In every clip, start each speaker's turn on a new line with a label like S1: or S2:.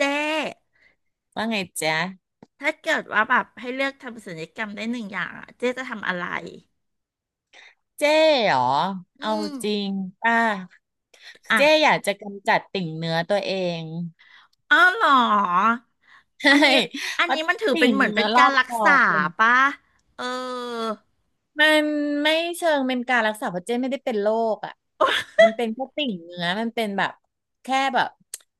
S1: เจ๊
S2: ว่าไงจ๊ะ
S1: ถ้าเกิดว่าแบบให้เลือกทำศัลยกรรมได้หนึ่งอย่างอะเจ๊จะทำอะไร
S2: เจ๊เหรอ
S1: อื
S2: เอา
S1: ม
S2: จริงป่ะ
S1: อ่ะ
S2: เจ๊อยากจะกำจัดติ่งเนื้อตัวเอง
S1: อ๋อเหรอ
S2: ใช่
S1: อันนี้
S2: เพราะ
S1: มันถือเป็
S2: ติ่
S1: น
S2: ง
S1: เหมือน
S2: เนื้
S1: เป็น
S2: อรอ
S1: การ
S2: บ
S1: รั
S2: ค
S1: ก
S2: อ
S1: ษา
S2: เป็น
S1: ปะเออ
S2: มันไม่เชิงเป็นการรักษาเพราะเจ้ไม่ได้เป็นโรคอ่ะ มันเป็นแค่ติ่งเนื้อมันเป็นแบบแค่แบบ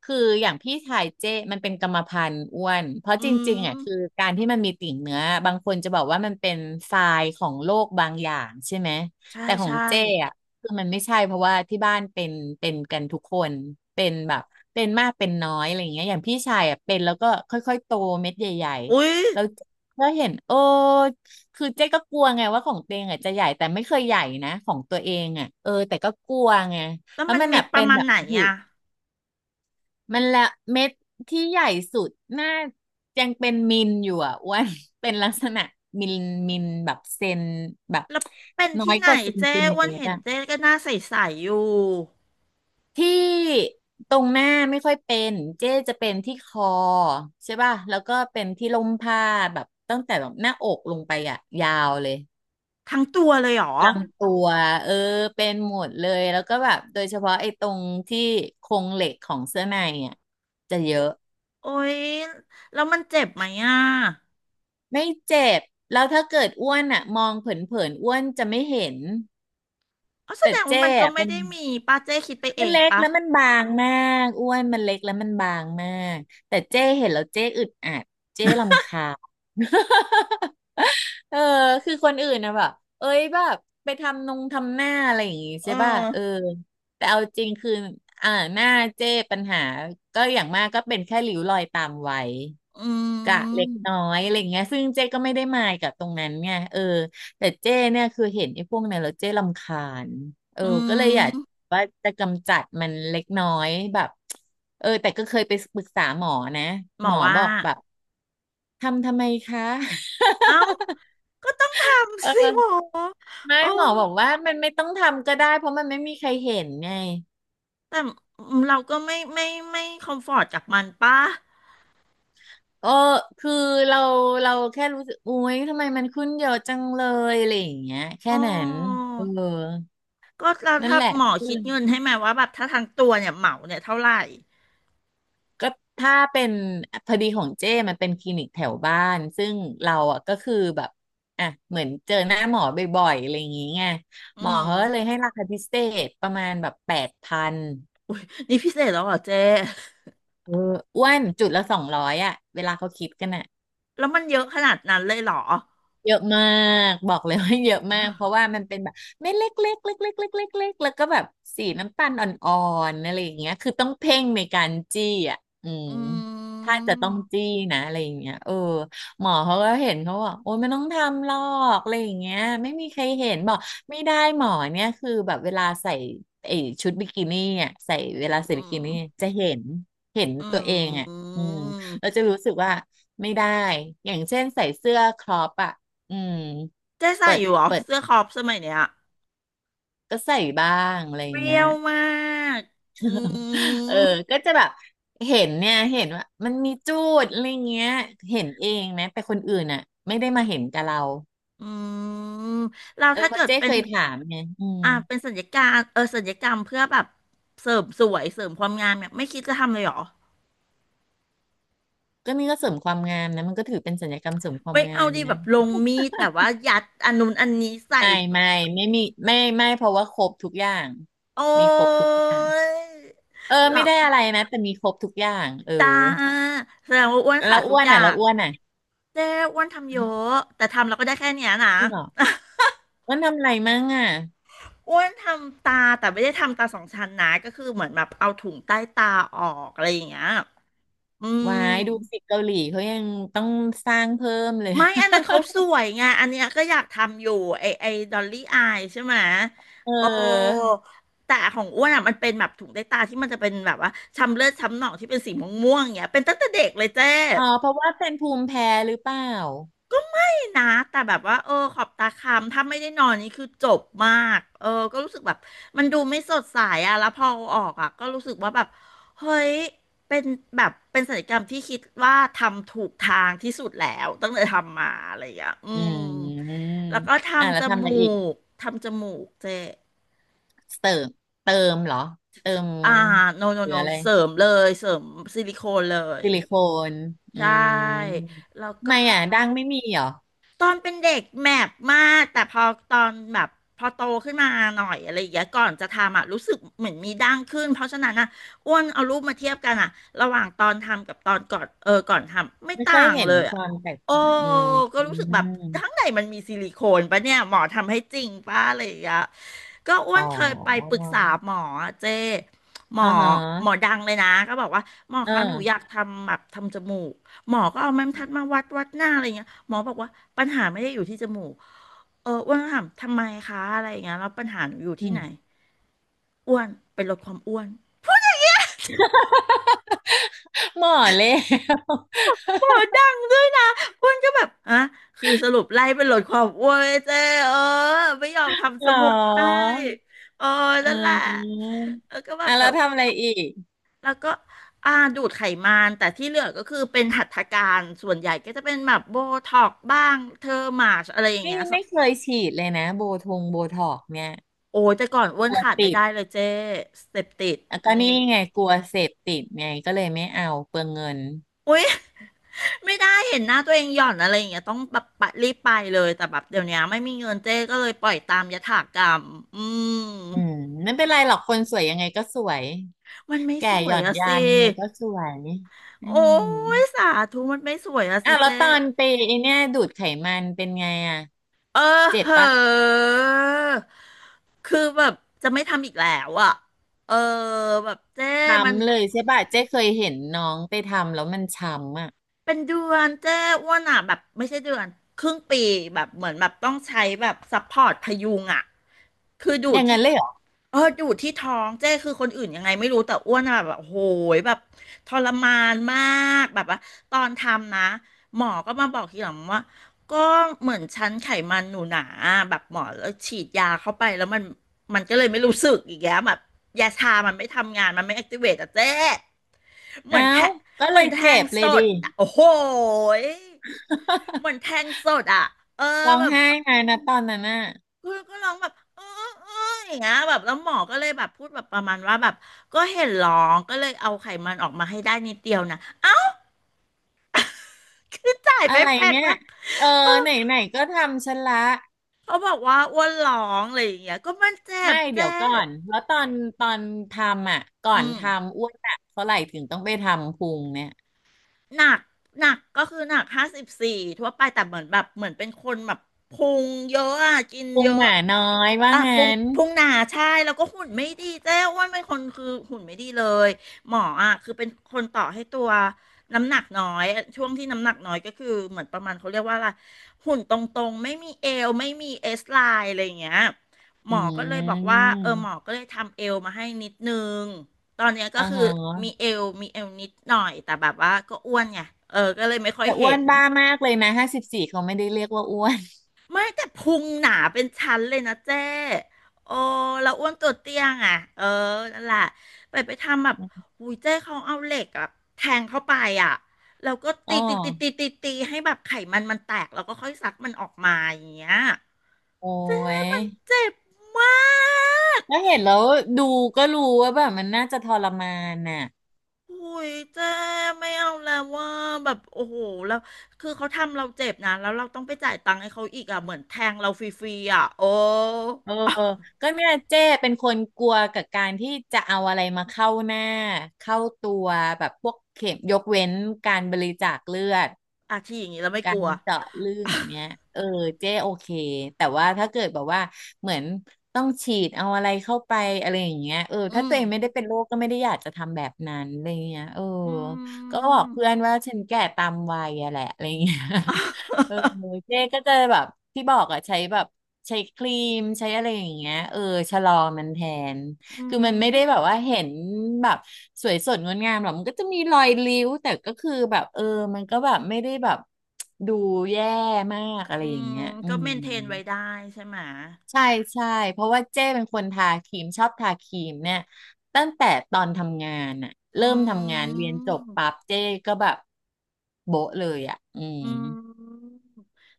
S2: คืออย่างพี่ชายเจ้มันเป็นกรรมพันธุ์อ้วนเพราะ
S1: อื
S2: จริงๆอ่ะคือ
S1: ม
S2: การที่มันมีติ่งเนื้อบางคนจะบอกว่ามันเป็นทรายของโรคบางอย่างใช่ไหม
S1: ใช่
S2: แต่ของ
S1: ใช่
S2: เจ้อ่ะคือมันไม่ใช่เพราะว่าที่บ้านเป็นเป็นกันทุกคนเป็นแบบเป็นมากเป็นน้อยอะไรอย่างเงี้ยอย่างพี่ชายอ่ะเป็นแล้วก็ค่อยๆโตเม็ดใหญ่
S1: อุ๊ย
S2: ๆแล้วก็เห็นโอ้ คือเจ๊ก็กลัวไงว่าของตัวเองอ่ะจะใหญ่แต่ไม่เคยใหญ่นะของตัวเองอ่ะเออแต่ก็กลัวไง
S1: แล้ว
S2: แล้ว
S1: มัน
S2: มัน
S1: เม็
S2: แบ
S1: ด
S2: บ
S1: ป
S2: เป็
S1: ระ
S2: น
S1: มาณ
S2: แบบ
S1: ไหน
S2: อยู่
S1: อะ
S2: มันละเม็ดที่ใหญ่สุดน่ายังเป็นมิลอยู่อ่ะอ้วน เป็นลักษณะมิลมิลแบบเซนแบบ
S1: แล้วเป็น
S2: น้อ
S1: ที่
S2: ย
S1: ไหน
S2: กว่าเซน
S1: เจ๊
S2: ติ
S1: อ้
S2: เม
S1: วัน
S2: ตร
S1: เห็น
S2: อ่ะ
S1: เจ๊ก็หน้าใสๆอยู่
S2: ที่ตรงหน้าไม่ค่อยเป็นเจ๊จะเป็นที่คอใช่ป่ะแล้วก็เป็นที่ลมผ้าแบบตั้งแต่แบบหน้าอกลงไปอ่ะยาวเลย
S1: ทั้งตัวเลยเหรอ
S2: ลำตัวเออเป็นหมดเลยแล้วก็แบบโดยเฉพาะไอ้ตรงที่โครงเหล็กของเสื้อในอ่ะจะเยอะ
S1: โอ๊ยแล้วมันเจ็บไหมอะ
S2: ไม่เจ็บแล้วถ้าเกิดอ้วนอ่ะมองเผินๆอ้วนจะไม่เห็น
S1: อ๋อแส
S2: แต่
S1: ดงว่า
S2: เจ๊
S1: มันก็
S2: อะ
S1: ไม่
S2: เป็น
S1: ได้มีป้าเจ้คิดไปเอ
S2: มัน
S1: ง
S2: เล็ก
S1: ปะ
S2: แล้วมันบางมากอ้วนมันเล็กแล้วมันบางมาก แต่เจ้เห็นแล้วเจ้อึดอัดเจ้รำคาญ เออคือคนอื่นนะแบบเอ้ยแบบไปทำนงทำหน้าอะไรอย่างงี้
S1: เออ
S2: ใช่ป่ะเออแต่เอาจริงคืออ่าหน้าเจ้ปัญหาก็อย่างมากก็เป็นแค่ริ้วรอยตามไว้
S1: อื
S2: กะเล็ก
S1: ม
S2: น้อยอะไรอย่างเงี้ยซึ่งเจ้ก็ไม่ได้มายกับตรงนั้นไงเออแต่เจ้เนี่ยคือเห็นไอ้พวกนั้นแล้วเจ้รำคาญเออ
S1: อื
S2: ก็เลยอยา
S1: ม
S2: ก ว่าจะกำจัดมันเล็กน้อยแบบเออแต่ก็เคยไปปรึกษาหมอนะ
S1: หม
S2: หม
S1: อ
S2: อ
S1: ว่า
S2: บอกแบบทำทำไมคะ
S1: เอ้าก็ต้องท
S2: เอ
S1: ำสิ
S2: อ
S1: หมอ
S2: ไม่
S1: โอ้
S2: หมอบอกว่ามันไม่ต้องทำก็ได้เพราะมันไม่มีใครเห็นไง
S1: แต่เราก็ไม่คอมฟอร์ตกับมันปะ
S2: เออคือเราเราแค่รู้สึกอุ๊ยทำไมมันขึ้นเยอะจังเลยอะไรอย่างเงี้ยแค่
S1: อ๋
S2: นั้น
S1: อ
S2: เออ
S1: ก็เรา
S2: นั่น
S1: ถ้า
S2: แหละ
S1: หมอคิดเงินให้ไหมว่าแบบถ้าทั้งตัวเนี่ยเหมาเนี่ยเท่าไหร่
S2: ก็ถ้าเป็นพอดีของเจ้มันเป็นคลินิกแถวบ้านซึ่งเราอ่ะก็คือแบบอ่ะเหมือนเจอหน้าหมอบ่อยๆอะไรอย่างงี้ไง
S1: อื
S2: หมอ
S1: ม
S2: เขาก็เลยให้ราคาพิเศษประมาณแบบ8,000
S1: นี่พิเศษแล้วเหรอเจ้
S2: เอออ้วนจุดละ200อ่ะเวลาเขาคิดกันอ่ะ
S1: แล้วมันเยอะขนาดนั้นเลยเหรอ
S2: เยอะมากบอกเลย ว่าเยอะมากเพราะว่ามันเป็นแบบเม็ดเล็กๆเล็กเล็กเล็กๆเล็กๆเล็กเแล้วก็แบบสีน้ำตาลอ่อนๆอะไรอย่างเงี้ยคือต้องเพ่งในการจี้อ่ะอืม
S1: อื
S2: ถ้า
S1: ม
S2: จะต้องจี้นะอะไรอย่างเงี้ยเออหมอเขาก็เห็นเขาบอกโอ้ยไม่ต้องทำหรอกอะไรอย่างเงี้ยไม่มีใครเห็นบอกไม่ได้หมอเนี่ยคือแบบเวลาใส่ไอ้ชุดบิกินี่อ่ะใส่เวลาใส่
S1: อื
S2: บิกิ
S1: ม
S2: นี่จะเห็นเห็น
S1: อื
S2: ตัวเองอ่ะอืมเรา
S1: ม
S2: จะรู้สึกว่าไม่ได้อย่างเช่นใส่เสื้อครอปอะ อืม
S1: เจ๊ใส่
S2: เปิด
S1: อยู่เหรอ
S2: เปิด
S1: เสื้อครอปสมัยเนี้ย
S2: ก็ใส่บ้างอะไรอ
S1: เป
S2: ย่าง
S1: รี้
S2: เงี้
S1: ย
S2: ย
S1: วมากอื
S2: เออ
S1: ม
S2: ก็จะแบบเห็นเนี่ยเห็นว่ามันมีจูดอะไรเงี้ยเห็นเองนะแต่คนอื่นอ่ะไม่ได้มาเห็นกับเรา
S1: อืมเรา
S2: เออ
S1: ถ้า
S2: เพ
S1: เกิ
S2: ราะ
S1: ด
S2: เจ๊
S1: เป็
S2: เค
S1: น
S2: ยถามไงอืม
S1: อ่าเป็นสัญญการเออสัญญกรรมเพื่อแบบเสริมสวยเสริมความงามเนี่ยไม่คิดจะทำเลยเหรอ
S2: ก็นี่ก็เสริมความงามนะมันก็ถือเป็นสัญญกรรมเสริมความ
S1: ไม่
S2: งา
S1: เอา
S2: ม
S1: ดีแบ
S2: นะ
S1: บลงมีดแบบว่ายัดอันนู้นอันนี้ใส่
S2: ไม่
S1: แบบ
S2: ไม่ไม่มีไม่ไม่เพราะว่าครบทุกอย่าง
S1: โอ้
S2: มีครบทุกอย่าง
S1: ย
S2: เออ
S1: เหรอ
S2: ไม่ได้อะไรนะแต่มีครบทุกอย่างเออ
S1: จ้าแสดงว่าอ้วนขา
S2: แล้ว
S1: ดทุ
S2: อ้
S1: ก
S2: วน
S1: อย่า
S2: อ่ะแล้ว
S1: ง
S2: อ้วนอ่ะ
S1: เจ๊อ้วนทำเยอะแต่ทำเราก็ได้แค่เนี้ยนะ
S2: จริงเหรออ้วนทำอะไรมั่งอ่ะ
S1: อ้วนทำตาแต่ไม่ได้ทำตาสองชั้นนะก็คือเหมือนแบบเอาถุงใต้ตาออกอะไรอย่างเงี้ยอื
S2: วา
S1: ม
S2: ยดูสิเกาหลีเขายังต้องสร้างเพิ่มเลย
S1: ไม่อันนั้นเขาสวยไงอันเนี้ยก็อยากทำอยู่ไอดอลลี่อายใช่ไหม
S2: เ
S1: โอ้
S2: ออ
S1: แต่ของอ้วนอ่ะมันเป็นแบบถุงใต้ตาที่มันจะเป็นแบบว่าช้ำเลือดช้ำหนองที่เป็นสีม่วงๆอย่างเงี้ยเป็นตั้งแต่เด็กเลยเจ๊
S2: อ๋อเพราะว่าเป็นภูมิแพ้หรือเปล่า
S1: นะแต่แบบว่าเออขอบตาค้ำถ้าไม่ได้นอนนี่คือจบมากเออก็รู้สึกแบบมันดูไม่สดใสอะแล้วพอเอาออกอะก็รู้สึกว่าแบบเฮ้ยเป็นแบบเป็นศัลยกรรมที่คิดว่าทำถูกทางที่สุดแล้วตั้งแต่ทำมาอะไรอย่างเงี้ยอื
S2: อื
S1: ม
S2: ม
S1: แล้วก็
S2: อ่ะ
S1: ทำ
S2: แล้
S1: จ
S2: วทำอะไร
S1: มู
S2: อีก
S1: กเจ
S2: เติมเติมเหรอเติม
S1: อ่าโนโน
S2: หรือ
S1: โน
S2: อะไร
S1: เสริมเลยเสริมซิลิโคนเลย
S2: ซิลิโคนอื
S1: ใช่
S2: ม
S1: แล้ว
S2: ทำไม
S1: ก็
S2: อ่ะดังไม่มีเหรอ
S1: ตอนเป็นเด็กแมปมากแต่พอตอนแบบพอโตขึ้นมาหน่อยอะไรอย่างเงี้ยก่อนจะทำอ่ะรู้สึกเหมือนมีดั้งขึ้นเพราะฉะนั้นอะอ้วนเอารูปมาเทียบกันอ่ะระหว่างตอนทำกับตอนก่อนเออก่อนทำไม่
S2: ไม่เคย
S1: ต่าง
S2: เห็น
S1: เลย
S2: ค
S1: อ่ะ
S2: วามแตก
S1: โอ้
S2: ต่างอืม
S1: ก็
S2: อ
S1: รู้สึกแบบข้าง
S2: ม
S1: ในมันมีซิลิโคนปะเนี่ยหมอทำให้จริงปะอะไรอย่างเงี้ยก็อ้ว
S2: อ๋อ
S1: นเคยไปปรึกษาหมออเจ้หมอ
S2: อ่าฮะ
S1: หมอดังเลยนะก็บอกว่าหมอ
S2: เออ
S1: คะหนูอยากทำแบบทำจมูกหมอก็เอาไม้บรรทัดมาวัดวัดหน้าอะไรเงี้ย หมอบอกว่าปัญหาไม่ได้อยู่ที่จมูกเอออ้วนก็ถามทำไมคะอะไรอย่างเงี้ยแล้วปัญหาหนูอยู่
S2: อื
S1: ที่
S2: ม
S1: ไหนอ้วนเป็นลดความอ้วน
S2: หมอเลย
S1: หมอดังด้วยนะอ้วนก็แบบอ่ะคือสรุปไล่เป็นลดความอ้วนเจ๊เออไม่ยอม ทำจ
S2: เหรอ
S1: มูกให้เออ
S2: อ่
S1: นั่นแหละ
S2: า
S1: แล้วก็แบบ
S2: อ่ะ
S1: แต่
S2: แล้วทำอะไรอีก
S1: แล้วก็อ่าดูดไขมันแต่ที่เหลือก็คือเป็นหัตถการส่วนใหญ่ก็จะเป็นแบบโบท็อกบ้างเทอร์มาชอะไรอย่างเงี้
S2: นี่
S1: ย
S2: ไม่เคยฉีดเลยนะโบทงโบท็อกเนี่ย
S1: โอ้ยแต่ก่อนอ้ว
S2: ก
S1: น
S2: ลัว
S1: ขาดไม่
S2: ติด
S1: ได้เลยเจ๊สเต็ปติด
S2: อ่ะ
S1: อื
S2: ก็
S1: ม
S2: นี่ไงกลัวเสพติดไงก็เลยไม่เอาเปลืองเงิน
S1: อุ๊ย ไม่ได้เห็นหน้าตัวเองหย่อนอะไรอย่างเงี้ยต้องแบบปะรีบไปเลยแต่แบบเดี๋ยวนี้ไม่มีเงินเจ้ก็เลยปล่อยตามยถากรรมอืม
S2: อืมไม่เป็นไรหรอกคนสวยยังไงก็สวย
S1: มันไม่
S2: แก่
S1: สว
S2: หย่
S1: ย
S2: อน
S1: อะ
S2: ยา
S1: สิ
S2: นยังไงก็สวยอื
S1: โอ้
S2: ม
S1: ยสาธุมันไม่สวยอะ
S2: อ่ะ
S1: สิ
S2: แล้ว
S1: เจ้
S2: ตอนไปไอเนี่ยดูดไขมันเป็นไงอ่ะ
S1: เออ
S2: เจ็บ
S1: เหอ
S2: ปะ
S1: ะคือแบบจะไม่ทำอีกแล้วอะเออแบบเจ้มัน
S2: ช้ำเลยใช่ปะเจ๊เคยเห็นน้องไปทำแล้วมันช้ำอ่ะ
S1: เป็นเดือนเจ้อ้วนอ่ะแบบไม่ใช่เดือนครึ่งปีแบบเหมือนแบบต้องใช้แบบซัพพอร์ตพยุงอ่ะคือดู
S2: อ
S1: ด
S2: ย่างนั้
S1: ที่
S2: นเลยเหรอ
S1: เออดูดที่ท้องเจ้คือคนอื่นยังไงไม่รู้แต่อ้วนอะแบบโหยแบบทรมานมากแบบว่าตอนทำนะหมอก็มาบอกทีหลังว่าก็เหมือนชั้นไขมันหนูหนาแบบหมอแล้วฉีดยาเข้าไปแล้วมันก็เลยไม่รู้สึกอีกแล้วแบบยาชามันไม่ทำงานมันไม่แอคทีเวตอะเจ้เหมื
S2: อ้า
S1: อน
S2: ว
S1: แทะ
S2: ก็
S1: เห
S2: เล
S1: มือน
S2: ย
S1: แท
S2: เจ็
S1: ง
S2: บเล
S1: ส
S2: ยดิ
S1: ดอะโอ้โหยเหมือ นแทงสดอ่ะเออ
S2: ร้อง
S1: แบบ
S2: ไห้ไงนะตอนนั้นน่ะ
S1: คุณก็ร้องแบบเออเอออย่างเงี้ยแบบแล้วหมอก็เลยแบบพูดแบบประมาณว่าแบบก็เห็นร้องก็เลยเอาไขมันออกมาให้ได้นิดเดียวนะเอ้าคือจ่าย
S2: อะ
S1: ไป
S2: ไร
S1: แพง
S2: เนี่ย
S1: มาก
S2: เออไหนไหนก็ทำฉันละ
S1: เขาบอกว่าอ้วนร้องอะไรอย่างเงี้ยก็มันเจ็
S2: ไม่
S1: บ
S2: เดี๋
S1: เจ๊
S2: ยวก่อนแล้วตอนทำอ่ะก่อ
S1: อื
S2: น
S1: ม
S2: ทำอ้วนอ่ะเท่าไหร่ถึงต้องไปทำพุงเนี่ย
S1: หนักก็คือหนัก54ทั่วไปแต่เหมือนแบบเหมือนเป็นคนแบบพุงเยอะอะกิน
S2: พุ
S1: เย
S2: งห
S1: อะ
S2: มาน้อยว่า
S1: อ่ะพุง
S2: งั้น
S1: พุงหนาใช่แล้วก็หุ่นไม่ดีเจ้อ้วนเป็นคนคือหุ่นไม่ดีเลยหมออ่ะคือเป็นคนต่อให้ตัวน้ำหนักน้อยช่วงที่น้ำหนักน้อยก็คือเหมือนประมาณเขาเรียกว่าอะไรหุ่นตรงๆไม่มีเอวไม่มีเอสไลน์อะไรอย่างเงี้ยหม
S2: อื
S1: อก็เลยบอกว่าเออหมอ
S2: ม
S1: ก็เลยทำเอวมาให้นิดนึง ตอนเนี้ยก็
S2: อ่า
S1: คือ
S2: ฮะ
S1: มีเอวนิดหน่อยแต่แบบว่าก็อ้วนไงเออก็เลยไม่ค่อย
S2: แต่อ้ว
S1: เห็
S2: น
S1: น
S2: บ้ามากเลยนะ54เขาไม่ได้เรียกว่าอ้วน
S1: ไม่แต่พุงหนาเป็นชั้นเลยนะเจ้โอ้แล้วอ้วนตัวเตี้ยงอ่ะเออนั่นแหละไปทำแบบอุ้ยเจ้เขาเอาเหล็กอะแทงเข้าไปอ่ะแล้วก็
S2: อ๋
S1: ตี
S2: อ
S1: ตีตีตีตีตีให้แบบไขมันมันแตกแล้วก็ค่อยซักมันออกมาอย่างเงี้ย
S2: โอ้
S1: เจ๊
S2: ย
S1: มันเจ็บมาก
S2: แล้วเห็นแล้วดูก็รู้ว่าแบบมันน่าจะทรมานน่ะ
S1: โอ้ยเจ๊ไม่เอาแล้วว่าแบบโอ้โหแล้วคือเขาทำเราเจ็บนะแล้วเราต้องไปจ่ายตังค์ให้เขาอีกอ่ะเหมือนแทงเราฟรีๆอ่ะโอ้
S2: เออก็เนี่ยเจ้เป็นคนกลัวกับการที่จะเอาอะไรมาเข้าหน้าเข้าตัวแบบพวกเข็มยกเว้นการบริจาคเลือด
S1: อาชีอย่างนี้แล้วไม่
S2: กา
S1: ก
S2: ร
S1: ลัว
S2: เจาะเลือดเนี้ยเออเจ๊โอเคแต่ว่าถ้าเกิดแบบว่าเหมือนต้องฉีดเอาอะไรเข้าไปอะไรอย่างเงี้ยเออ
S1: อื
S2: ถ้าตั
S1: ม
S2: วเองไม่ได้เป็นโรคก็ไม่ได้อยากจะทำแบบนั้นอะไรเงี้ยเออ
S1: อื
S2: ก็บอก
S1: ม
S2: เพื่อนว่าฉันแก่ตามวัยอะแหละอะไรเงี้ย เออ เจ๊ก็จะแบบที่บอกอะใช้แบบใช้ครีมใช้อะไรอย่างเงี้ยเออชะลอมันแทน
S1: อื
S2: คือมัน
S1: ม
S2: ไม่ได้แบบว่าเห็นแบบสวยสดงดงามหรอกมันก็จะมีรอยริ้วแต่ก็คือแบบเออมันก็แบบไม่ได้แบบดูแย่มากอะไร
S1: อื
S2: อย่า
S1: ม
S2: งเงี้ยอื
S1: ก็
S2: ม
S1: เมนเทนไว้ได้ใช่ไหม
S2: ใช่ใช่เพราะว่าเจ้เป็นคนทาครีมชอบทาครีมเนี่ยตั้งแต่ตอนทำงานอะ
S1: อื
S2: เริ่มทำงานเรียนจบปั๊
S1: ม
S2: บเจ้ก็แบบโบ๊ะเลยอะอืม
S1: อืม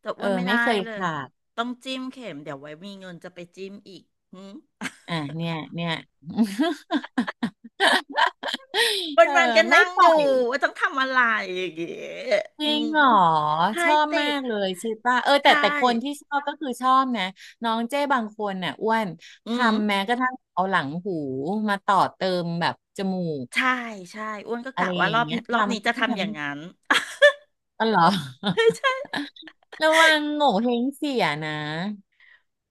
S1: แต่อ้
S2: เออ
S1: ว่าไม่
S2: ไม่
S1: ได้
S2: เคย
S1: เลย
S2: ขาด
S1: ต้องจิ้มเข็มเดี๋ยวไว้มีเงินจะไปจิ้มอีกหืม
S2: อ่ะเนี่ยเนี่ย
S1: วั
S2: เอ
S1: น
S2: อ
S1: วันก็
S2: ไม่
S1: นั่ง
S2: ปล่
S1: ดู
S2: อย
S1: ว่าต้องทำอะไรอย่างเงี้ย
S2: จ
S1: อื
S2: ริง
S1: ม
S2: เหรอ
S1: ใช่
S2: ชอบ
S1: ติ
S2: มา
S1: ด
S2: กเลยใชิป่ะเออแต่
S1: ใช่
S2: แต่คนที่ชอบก็คือชอบนะน้องเจ้บางคนน่ะอ้วน
S1: อืม
S2: ทำแม้กระทั่งเอาหลังหูมาต่อเติมแบบจมูก
S1: ใช่ใช่อ้วนก็
S2: อะไร
S1: กะว่า
S2: อ
S1: ร
S2: ย่า
S1: อ
S2: ง
S1: บ
S2: เงี้ย
S1: นี้
S2: ทำท
S1: จะทำอย่างนั้น
S2: ำตลอดร
S1: ใช่
S2: อ
S1: ใช่
S2: ระวังโง่เฮงเสียนะ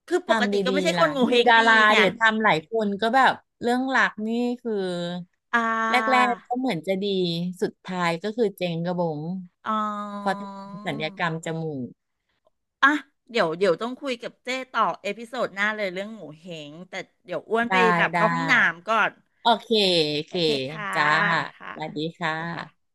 S1: คือปก
S2: ทำ
S1: ติก็
S2: ดี
S1: ไม่ใช่
S2: ๆ
S1: ค
S2: ล่ะ
S1: นโง
S2: ดู
S1: เฮง
S2: ดา
S1: ดี
S2: รา
S1: ไง
S2: เดี๋ยวทำหลายคนก็แบบเรื่องหลักนี่คือ
S1: อ่
S2: แร
S1: า
S2: กๆก็เหมือนจะดีสุดท้ายก็คือเจ๊งกระบง
S1: อ๋อ
S2: เพอทำศัลยกรรมจมูก
S1: อ่ะเดี๋ยวต้องคุยกับเจ้ต่อเอพิโซดหน้าเลยเรื่องหมูเฮงแต่เดี๋ยวอ้วนไป
S2: ได้
S1: แบบ
S2: ได้
S1: เข้าห้องน้ำก่อน
S2: โอเค โอ
S1: โอ
S2: เค
S1: เคค่ะ
S2: จ้า
S1: ค่ะ
S2: สวัสดี
S1: โอ
S2: ค่ะ
S1: เคค่ะ